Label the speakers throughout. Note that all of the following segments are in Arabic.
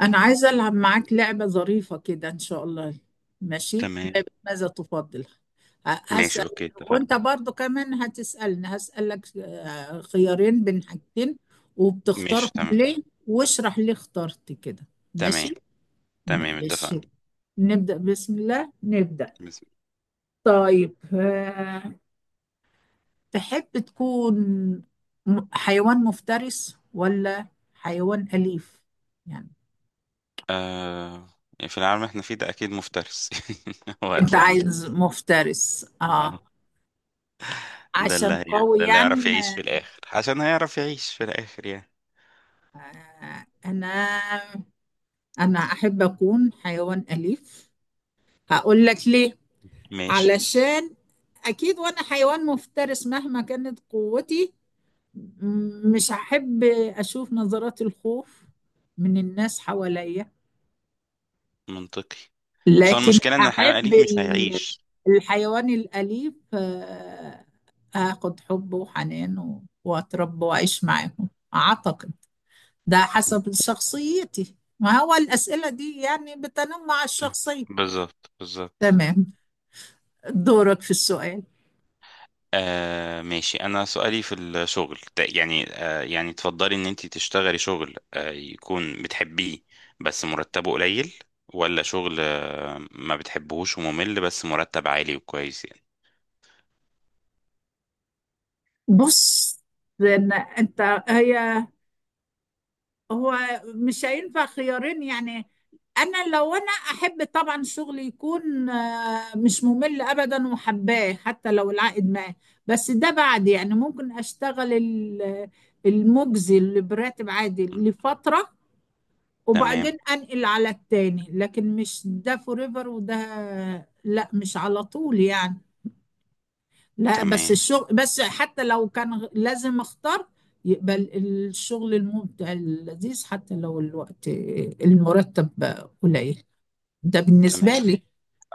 Speaker 1: أنا عايزة ألعب معاك لعبة ظريفة كده إن شاء الله. ماشي،
Speaker 2: تمام.
Speaker 1: لعبة ماذا تفضل.
Speaker 2: ماشي،
Speaker 1: هسأل،
Speaker 2: اوكي، اتفقنا.
Speaker 1: وأنت برضو كمان هتسألني. هسألك خيارين بين حاجتين،
Speaker 2: ماشي،
Speaker 1: وبتختارهم
Speaker 2: تمام.
Speaker 1: ليه، واشرح ليه اخترت كده.
Speaker 2: تمام.
Speaker 1: ماشي
Speaker 2: تمام، اتفقنا.
Speaker 1: ماشي. نبدأ بسم الله نبدأ.
Speaker 2: بس
Speaker 1: طيب تحب تكون حيوان مفترس ولا حيوان أليف يعني؟
Speaker 2: آه في العالم اللي احنا فيه ده اكيد مفترس. هو
Speaker 1: أنت
Speaker 2: ده ال-
Speaker 1: عايز مفترس
Speaker 2: آه، ده
Speaker 1: عشان قوي
Speaker 2: ده اللي
Speaker 1: يعني
Speaker 2: يعرف يعيش في
Speaker 1: ما
Speaker 2: الاخر، عشان هيعرف يعيش في الاخر يعني.
Speaker 1: آه، انا انا احب اكون حيوان اليف. هقول لك ليه.
Speaker 2: ماشي.
Speaker 1: علشان اكيد وانا حيوان مفترس مهما كانت قوتي، مش هحب اشوف نظرات الخوف من الناس حواليا.
Speaker 2: منطقي. بس هو
Speaker 1: لكن
Speaker 2: المشكلة ان الحيوان
Speaker 1: احب
Speaker 2: الأليف مش هيعيش.
Speaker 1: الحيوان الاليف اخد حبه وحنانه واتربى واعيش معاهم. اعتقد ده حسب شخصيتي. ما هو الأسئلة دي يعني بتنمع الشخصية.
Speaker 2: بالظبط، بالظبط.
Speaker 1: تمام، دورك في السؤال.
Speaker 2: ماشي. أنا سؤالي في الشغل تفضلي إن أنت تشتغلي شغل يكون بتحبيه بس مرتبه قليل، ولا شغل ما بتحبهوش وممل بس مرتب عالي وكويس يعني؟
Speaker 1: بص، لأن أنت هي هو مش هينفع خيارين يعني. أنا لو أنا أحب طبعا الشغل يكون مش ممل أبدا وحباه حتى لو العائد معاه. بس ده بعد يعني ممكن أشتغل المجزي اللي براتب عادي
Speaker 2: م.
Speaker 1: لفترة
Speaker 2: تمام.
Speaker 1: وبعدين انقل على التاني، لكن مش ده فوريفر وده. لا مش على طول يعني. لا بس
Speaker 2: تمام.
Speaker 1: الشغل بس، حتى لو كان لازم اختار يبقى الشغل الممتع اللذيذ حتى لو الوقت، المرتب قليل. ده بالنسبة
Speaker 2: تمام
Speaker 1: لي.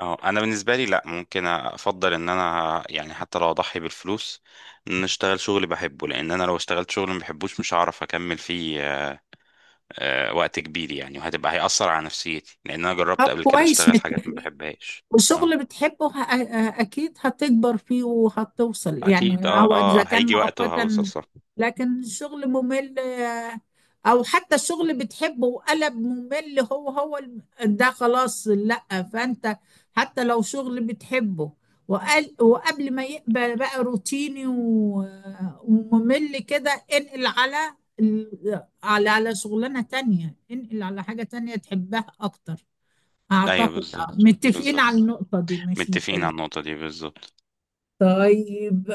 Speaker 2: اه، انا بالنسبه لي لا، ممكن افضل ان انا يعني حتى لو اضحي بالفلوس، ان أنا اشتغل شغل بحبه، لان انا لو اشتغلت شغل ما بحبوش مش هعرف اكمل فيه وقت كبير يعني، هيأثر على نفسيتي، لأن أنا
Speaker 1: طب
Speaker 2: جربت قبل كده
Speaker 1: كويس
Speaker 2: أشتغل حاجات ما
Speaker 1: متفقين.
Speaker 2: بحبهاش. اه
Speaker 1: والشغل بتحبه اكيد هتكبر فيه وهتوصل
Speaker 2: أكيد،
Speaker 1: يعني،
Speaker 2: اه
Speaker 1: هو اذا
Speaker 2: اه،
Speaker 1: كان
Speaker 2: هيجي وقت وهوصل،
Speaker 1: مؤقتا.
Speaker 2: صح.
Speaker 1: لكن الشغل ممل او حتى الشغل بتحبه وقلب ممل هو ده خلاص لا. فانت حتى لو شغل بتحبه وقال وقبل ما يبقى بقى روتيني وممل كده، انقل على على شغلانة تانية، انقل على حاجة تانية تحبها اكتر.
Speaker 2: أيوه
Speaker 1: أعتقد
Speaker 2: بالظبط،
Speaker 1: متفقين على
Speaker 2: بالظبط.
Speaker 1: النقطة دي مش
Speaker 2: متفقين على
Speaker 1: مختلفين.
Speaker 2: النقطة دي بالظبط.
Speaker 1: طيب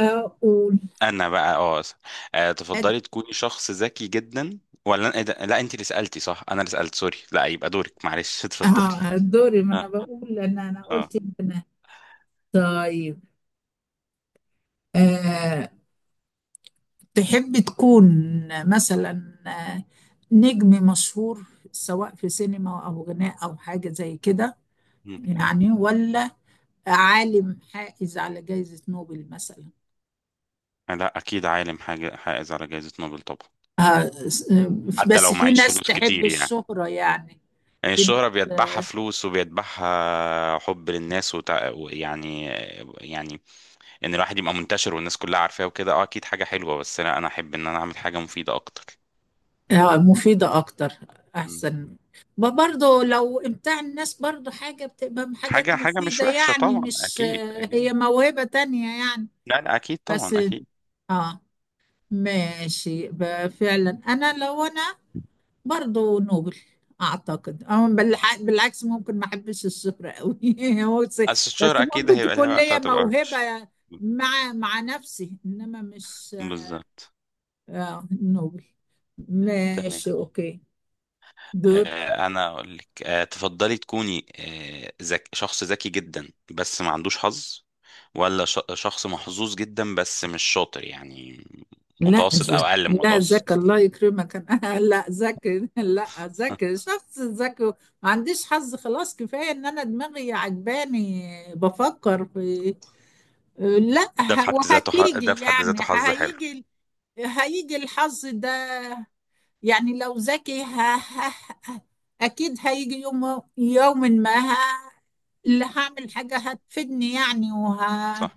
Speaker 1: أقول.
Speaker 2: أنا بقى تفضلي تكوني شخص ذكي جدا ولا إيه ده؟ لا، أنت اللي سألتي صح، أنا اللي سألت، سوري. لا يبقى دورك، معلش. اتفضلي.
Speaker 1: دوري، ما أنا
Speaker 2: اه،
Speaker 1: بقول أنا
Speaker 2: اه.
Speaker 1: قلت أنا. طيب آه تحب تكون مثلا آه، نجم مشهور سواء في سينما أو غناء أو حاجة زي كده
Speaker 2: مم.
Speaker 1: يعني، ولا عالم حائز على جائزة نوبل مثلا؟
Speaker 2: لا أكيد عالم، حاجة حائز على جائزة نوبل طبعا.
Speaker 1: آه
Speaker 2: حتى
Speaker 1: بس
Speaker 2: لو
Speaker 1: في
Speaker 2: معيش
Speaker 1: ناس
Speaker 2: فلوس
Speaker 1: تحب
Speaker 2: كتير يعني.
Speaker 1: الشهرة يعني.
Speaker 2: يعني
Speaker 1: في ناس
Speaker 2: الشهرة بيتبعها
Speaker 1: آه،
Speaker 2: فلوس وبيتبعها حب للناس وتع... يعني يعني ان الواحد يبقى منتشر والناس كلها عارفاه وكده، اه اكيد حاجة حلوة، بس لا انا احب ان انا اعمل حاجة مفيدة اكتر.
Speaker 1: مفيدة أكتر
Speaker 2: مم.
Speaker 1: أحسن. برضو لو إمتاع الناس برضو حاجة بتبقى حاجات
Speaker 2: حاجة، حاجة مش
Speaker 1: مفيدة،
Speaker 2: وحشة
Speaker 1: يعني
Speaker 2: طبعا،
Speaker 1: مش
Speaker 2: اكيد اكيد.
Speaker 1: هي موهبة تانية يعني.
Speaker 2: لا لا، اكيد طبعا،
Speaker 1: بس
Speaker 2: اكيد.
Speaker 1: آه ماشي، فعلا أنا لو أنا برضو نوبل أعتقد، أو بالعكس ممكن ما أحبش الشهرة أوي بس.
Speaker 2: بس
Speaker 1: بس
Speaker 2: الشهرة اكيد
Speaker 1: ممكن
Speaker 2: هيبقى ليها
Speaker 1: تكون
Speaker 2: وقت
Speaker 1: ليا
Speaker 2: هتبقى وحش.
Speaker 1: موهبة مع نفسي إنما مش
Speaker 2: بالظبط.
Speaker 1: نوبل.
Speaker 2: تمام.
Speaker 1: ماشي أوكي، دور.
Speaker 2: انا اقول لك، تفضلي تكوني شخص ذكي جدا بس ما عندوش حظ، ولا شخص محظوظ جدا بس مش شاطر يعني،
Speaker 1: لا
Speaker 2: متوسط او اقل من
Speaker 1: لا ذكي
Speaker 2: متوسط؟
Speaker 1: الله يكرمك انا لا ذكي لا ذكي شخص ذكي. ما عنديش حظ خلاص، كفايه ان انا دماغي عجباني. بفكر في، لا
Speaker 2: ده في حد ذاته ده
Speaker 1: وهتيجي
Speaker 2: في حد
Speaker 1: يعني.
Speaker 2: ذاته حظ حلو.
Speaker 1: هيجي هيجي الحظ ده. يعني لو ذكي اكيد هيجي يوم، يوم ما اللي هعمل حاجه هتفيدني يعني
Speaker 2: صح.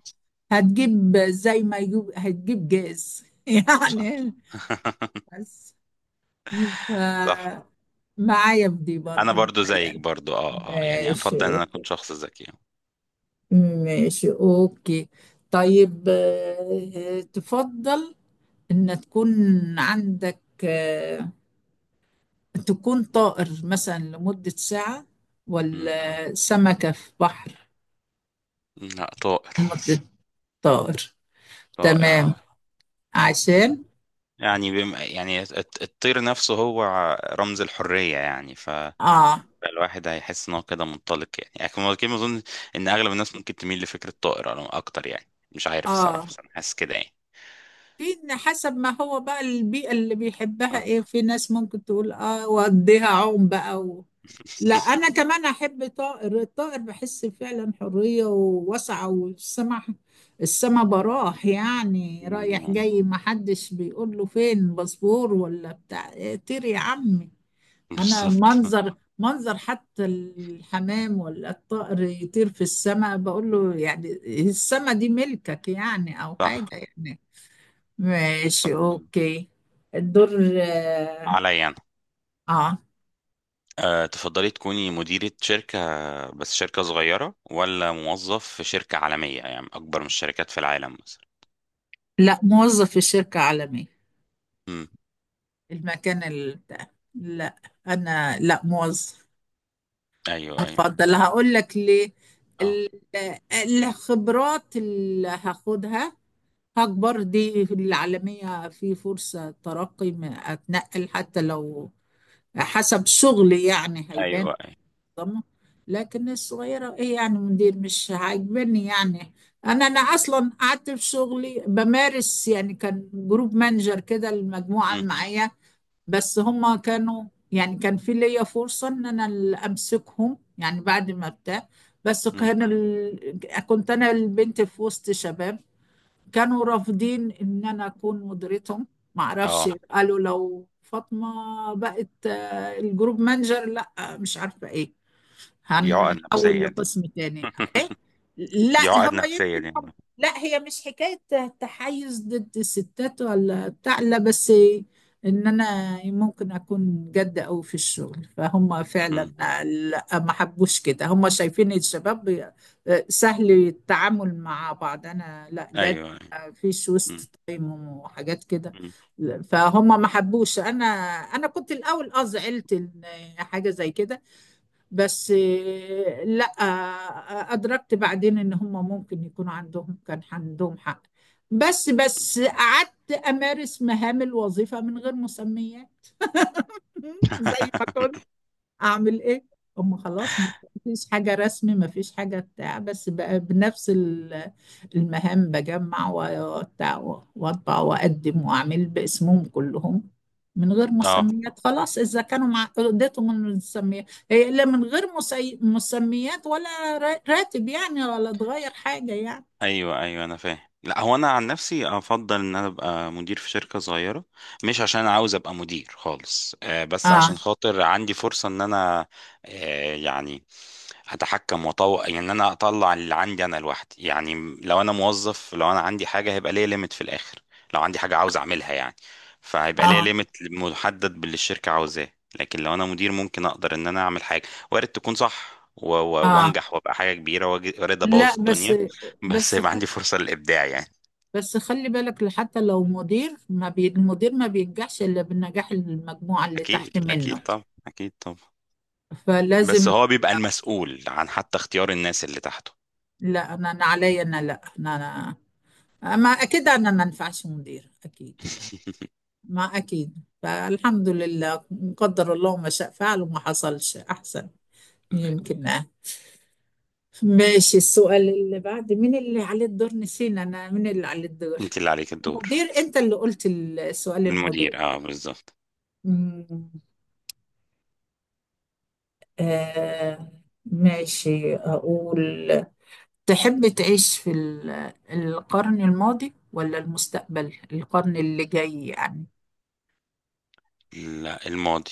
Speaker 1: هتجيب زي ما يجيب، هتجيب جاز
Speaker 2: صح.
Speaker 1: يعني. بس ف-
Speaker 2: صح.
Speaker 1: معايا في دي
Speaker 2: انا
Speaker 1: برضو
Speaker 2: برضو زيك
Speaker 1: متهيألي.
Speaker 2: برضو، اه اه، يعني
Speaker 1: ماشي
Speaker 2: افضل ان انا اكون
Speaker 1: اوكي
Speaker 2: شخص ذكي.
Speaker 1: ماشي اوكي. طيب تفضل ان تكون عندك تكون طائر مثلا لمدة ساعة،
Speaker 2: مم.
Speaker 1: ولا سمكة في بحر
Speaker 2: لا، طائر.
Speaker 1: لمدة طائر؟
Speaker 2: طائر
Speaker 1: تمام
Speaker 2: اه.
Speaker 1: عشان
Speaker 2: يعني الطير نفسه هو رمز الحرية يعني، ف
Speaker 1: اه
Speaker 2: الواحد هيحس ان هو كده منطلق يعني، يعني كده اظن ان اغلب الناس ممكن تميل لفكره طائر، أنا اكتر يعني. مش عارف الصراحه،
Speaker 1: اه
Speaker 2: بس انا حاسس كده يعني.
Speaker 1: في إن حسب ما هو بقى البيئة اللي بيحبها
Speaker 2: صح.
Speaker 1: ايه. في ناس ممكن تقول اه واديها عوم بقى لا انا كمان احب طائر. الطائر بحس فعلا حرية ووسعة والسما، السما براح يعني، رايح
Speaker 2: مم.
Speaker 1: جاي ما حدش بيقول له فين باسبور ولا بتاع إيه، طير يا عمي. انا
Speaker 2: بالظبط.
Speaker 1: منظر حتى الحمام ولا الطائر يطير في السما بقول له يعني السما دي ملكك يعني، او حاجة
Speaker 2: صح.
Speaker 1: يعني. ماشي
Speaker 2: صح.
Speaker 1: اوكي، الدور. اه
Speaker 2: عليا انا.
Speaker 1: آه.
Speaker 2: أه تفضلي تكوني مديرة شركة، بس شركة صغيرة، ولا موظف في شركة عالمية يعني أكبر من الشركات في العالم مثلا؟
Speaker 1: لا موظف في شركة عالمية.
Speaker 2: امم.
Speaker 1: المكان بتاع لا انا لا موظف،
Speaker 2: أيوه، أيوه.
Speaker 1: افضل هقول لك ليه.
Speaker 2: أه.
Speaker 1: ال- الخبرات اللي هاخدها هكبر دي العالمية، في فرصة ترقي، ما اتنقل حتى لو حسب شغلي يعني
Speaker 2: أيوه،
Speaker 1: هيبان
Speaker 2: أيوه.
Speaker 1: منظمة. لكن الصغيرة ايه يعني مدير مش عاجبني يعني. انا اصلا قعدت في شغلي بمارس يعني، كان جروب مانجر كده المجموعة
Speaker 2: امم.
Speaker 1: اللي معايا، بس هما كانوا يعني كان في ليا فرصة ان انا اللي امسكهم يعني، بعد ما بتاع. بس
Speaker 2: امم.
Speaker 1: كان كنت انا البنت في وسط شباب كانوا رافضين ان انا اكون مديرتهم. معرفش
Speaker 2: أه.
Speaker 1: قالوا لو فاطمة بقت الجروب مانجر لا مش عارفة ايه،
Speaker 2: دي عقد
Speaker 1: هنحول
Speaker 2: نفسية دي.
Speaker 1: لقسم تاني. لا
Speaker 2: دي عقد
Speaker 1: هو
Speaker 2: نفسية
Speaker 1: يمكن
Speaker 2: دي.
Speaker 1: هم لا هي مش حكاية تحيز ضد الستات ولا بتاع لا، بس ان انا ممكن اكون جد قوي في الشغل فهم فعلا
Speaker 2: امم.
Speaker 1: لا ما حبوش كده، هم شايفين الشباب سهل التعامل مع بعض، انا لا جد،
Speaker 2: أيوه. أيوه.
Speaker 1: مفيش وسط تايم وحاجات كده،
Speaker 2: امم.
Speaker 1: فهم ما حبوش. انا كنت الاول اه زعلت ان حاجة زي كده. بس لا أدركت بعدين إن هم ممكن يكون عندهم، كان عندهم حق. بس قعدت أمارس مهام الوظيفة من غير مسميات زي ما كنت اعمل ايه. هم خلاص، مفيش حاجة رسمي، مفيش حاجة بتاع، بس بقى بنفس المهام، بجمع وبتاع واطبع واقدم واعمل باسمهم كلهم من غير مسميات خلاص. اذا كانوا مع اديتهم من المسميات هي الا من غير مسميات ولا راتب يعني، ولا تغير حاجة يعني.
Speaker 2: ايوه، ايوه انا فاهم. لا هو انا عن نفسي افضل ان انا ابقى مدير في شركه صغيره. مش عشان أنا عاوز ابقى مدير خالص، بس
Speaker 1: اه
Speaker 2: عشان خاطر عندي فرصه ان انا، آه، يعني اتحكم واطور يعني، ان انا اطلع اللي عندي انا لوحدي يعني. لو انا موظف، لو انا عندي حاجه هيبقى ليا ليميت في الاخر. لو عندي حاجه عاوز اعملها يعني، فهيبقى ليا
Speaker 1: اه
Speaker 2: ليميت محدد باللي الشركه عاوزاه. لكن لو انا مدير ممكن اقدر ان انا اعمل حاجه، وارد تكون صح
Speaker 1: اه
Speaker 2: وانجح وابقى حاجه كبيره، وارد ابوظ
Speaker 1: لا
Speaker 2: الدنيا. بس
Speaker 1: بس
Speaker 2: يبقى عندي فرصة للإبداع يعني.
Speaker 1: بس خلي بالك حتى لو مدير ما بي... المدير ما بينجحش إلا بالنجاح المجموعة اللي
Speaker 2: أكيد
Speaker 1: تحت
Speaker 2: أكيد،
Speaker 1: منه
Speaker 2: طبعا أكيد طبعا. بس
Speaker 1: فلازم.
Speaker 2: هو بيبقى المسؤول عن حتى اختيار الناس اللي تحته.
Speaker 1: لا أنا عليا أنا، لا أنا ما أكيد أنا ما ينفعش مدير أكيد يعني، ما أكيد. فالحمد لله، قدر الله ما شاء فعل وما حصلش أحسن يمكن ماشي، السؤال اللي بعد، مين اللي عليه الدور نسينا، أنا مين اللي عليه الدور؟
Speaker 2: أنت اللي عليك الدور.
Speaker 1: مدير أنت اللي قلت السؤال المدير.
Speaker 2: المدير، أه بالظبط.
Speaker 1: مم. آه ماشي أقول. تحب تعيش في القرن الماضي ولا المستقبل القرن اللي جاي يعني؟
Speaker 2: لا، الماضي.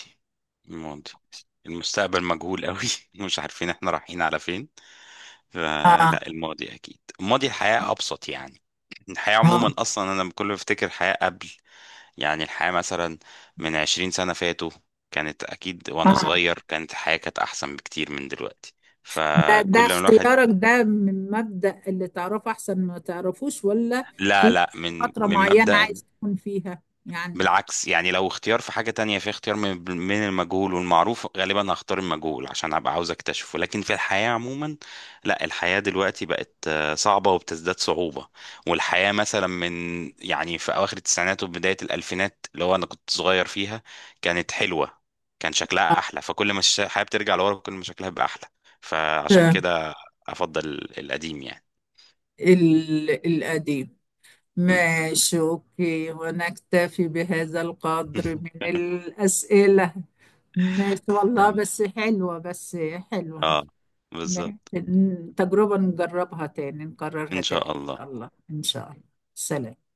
Speaker 2: الماضي. المستقبل مجهول قوي. مش عارفين احنا رايحين على فين.
Speaker 1: آه
Speaker 2: فلا الماضي، أكيد الماضي، الحياة أبسط يعني. الحياة
Speaker 1: آه
Speaker 2: عموما، أصلا أنا كل ما بفتكر الحياة قبل، يعني الحياة مثلا من 20 سنة فاتوا، كانت أكيد وأنا
Speaker 1: آه
Speaker 2: صغير كانت الحياة كانت أحسن بكتير من دلوقتي.
Speaker 1: ده
Speaker 2: فكل ما الواحد...
Speaker 1: اختيارك ده من مبدأ اللي تعرفه أحسن ما تعرفوش، ولا
Speaker 2: لا
Speaker 1: في
Speaker 2: لا، من
Speaker 1: فترة
Speaker 2: من
Speaker 1: معينة
Speaker 2: مبدأ،
Speaker 1: عايز تكون فيها يعني؟
Speaker 2: بالعكس يعني، لو اختيار في حاجة تانية، في اختيار من من المجهول والمعروف غالبا هختار المجهول عشان هبقى عاوز اكتشفه. لكن في الحياة عموما لا، الحياة دلوقتي بقت صعبة وبتزداد صعوبة. والحياة مثلا من، يعني في أواخر التسعينات وبداية الألفينات اللي هو أنا كنت صغير فيها، كانت حلوة. كان
Speaker 1: آه
Speaker 2: شكلها أحلى. فكل ما الش- الحياة بترجع لورا كل ما شكلها بيبقى أحلى. فعشان كده أفضل القديم يعني.
Speaker 1: القديم.
Speaker 2: مم.
Speaker 1: ماشي أوكي، ونكتفي بهذا القدر من الأسئلة. ماشي والله،
Speaker 2: تمام.
Speaker 1: بس حلوة، بس حلوة.
Speaker 2: اه
Speaker 1: ماشي.
Speaker 2: بالظبط.
Speaker 1: تجربة نجربها تاني، نكررها
Speaker 2: إن
Speaker 1: تاني
Speaker 2: شاء
Speaker 1: إن
Speaker 2: الله.
Speaker 1: شاء الله إن شاء الله. سلام.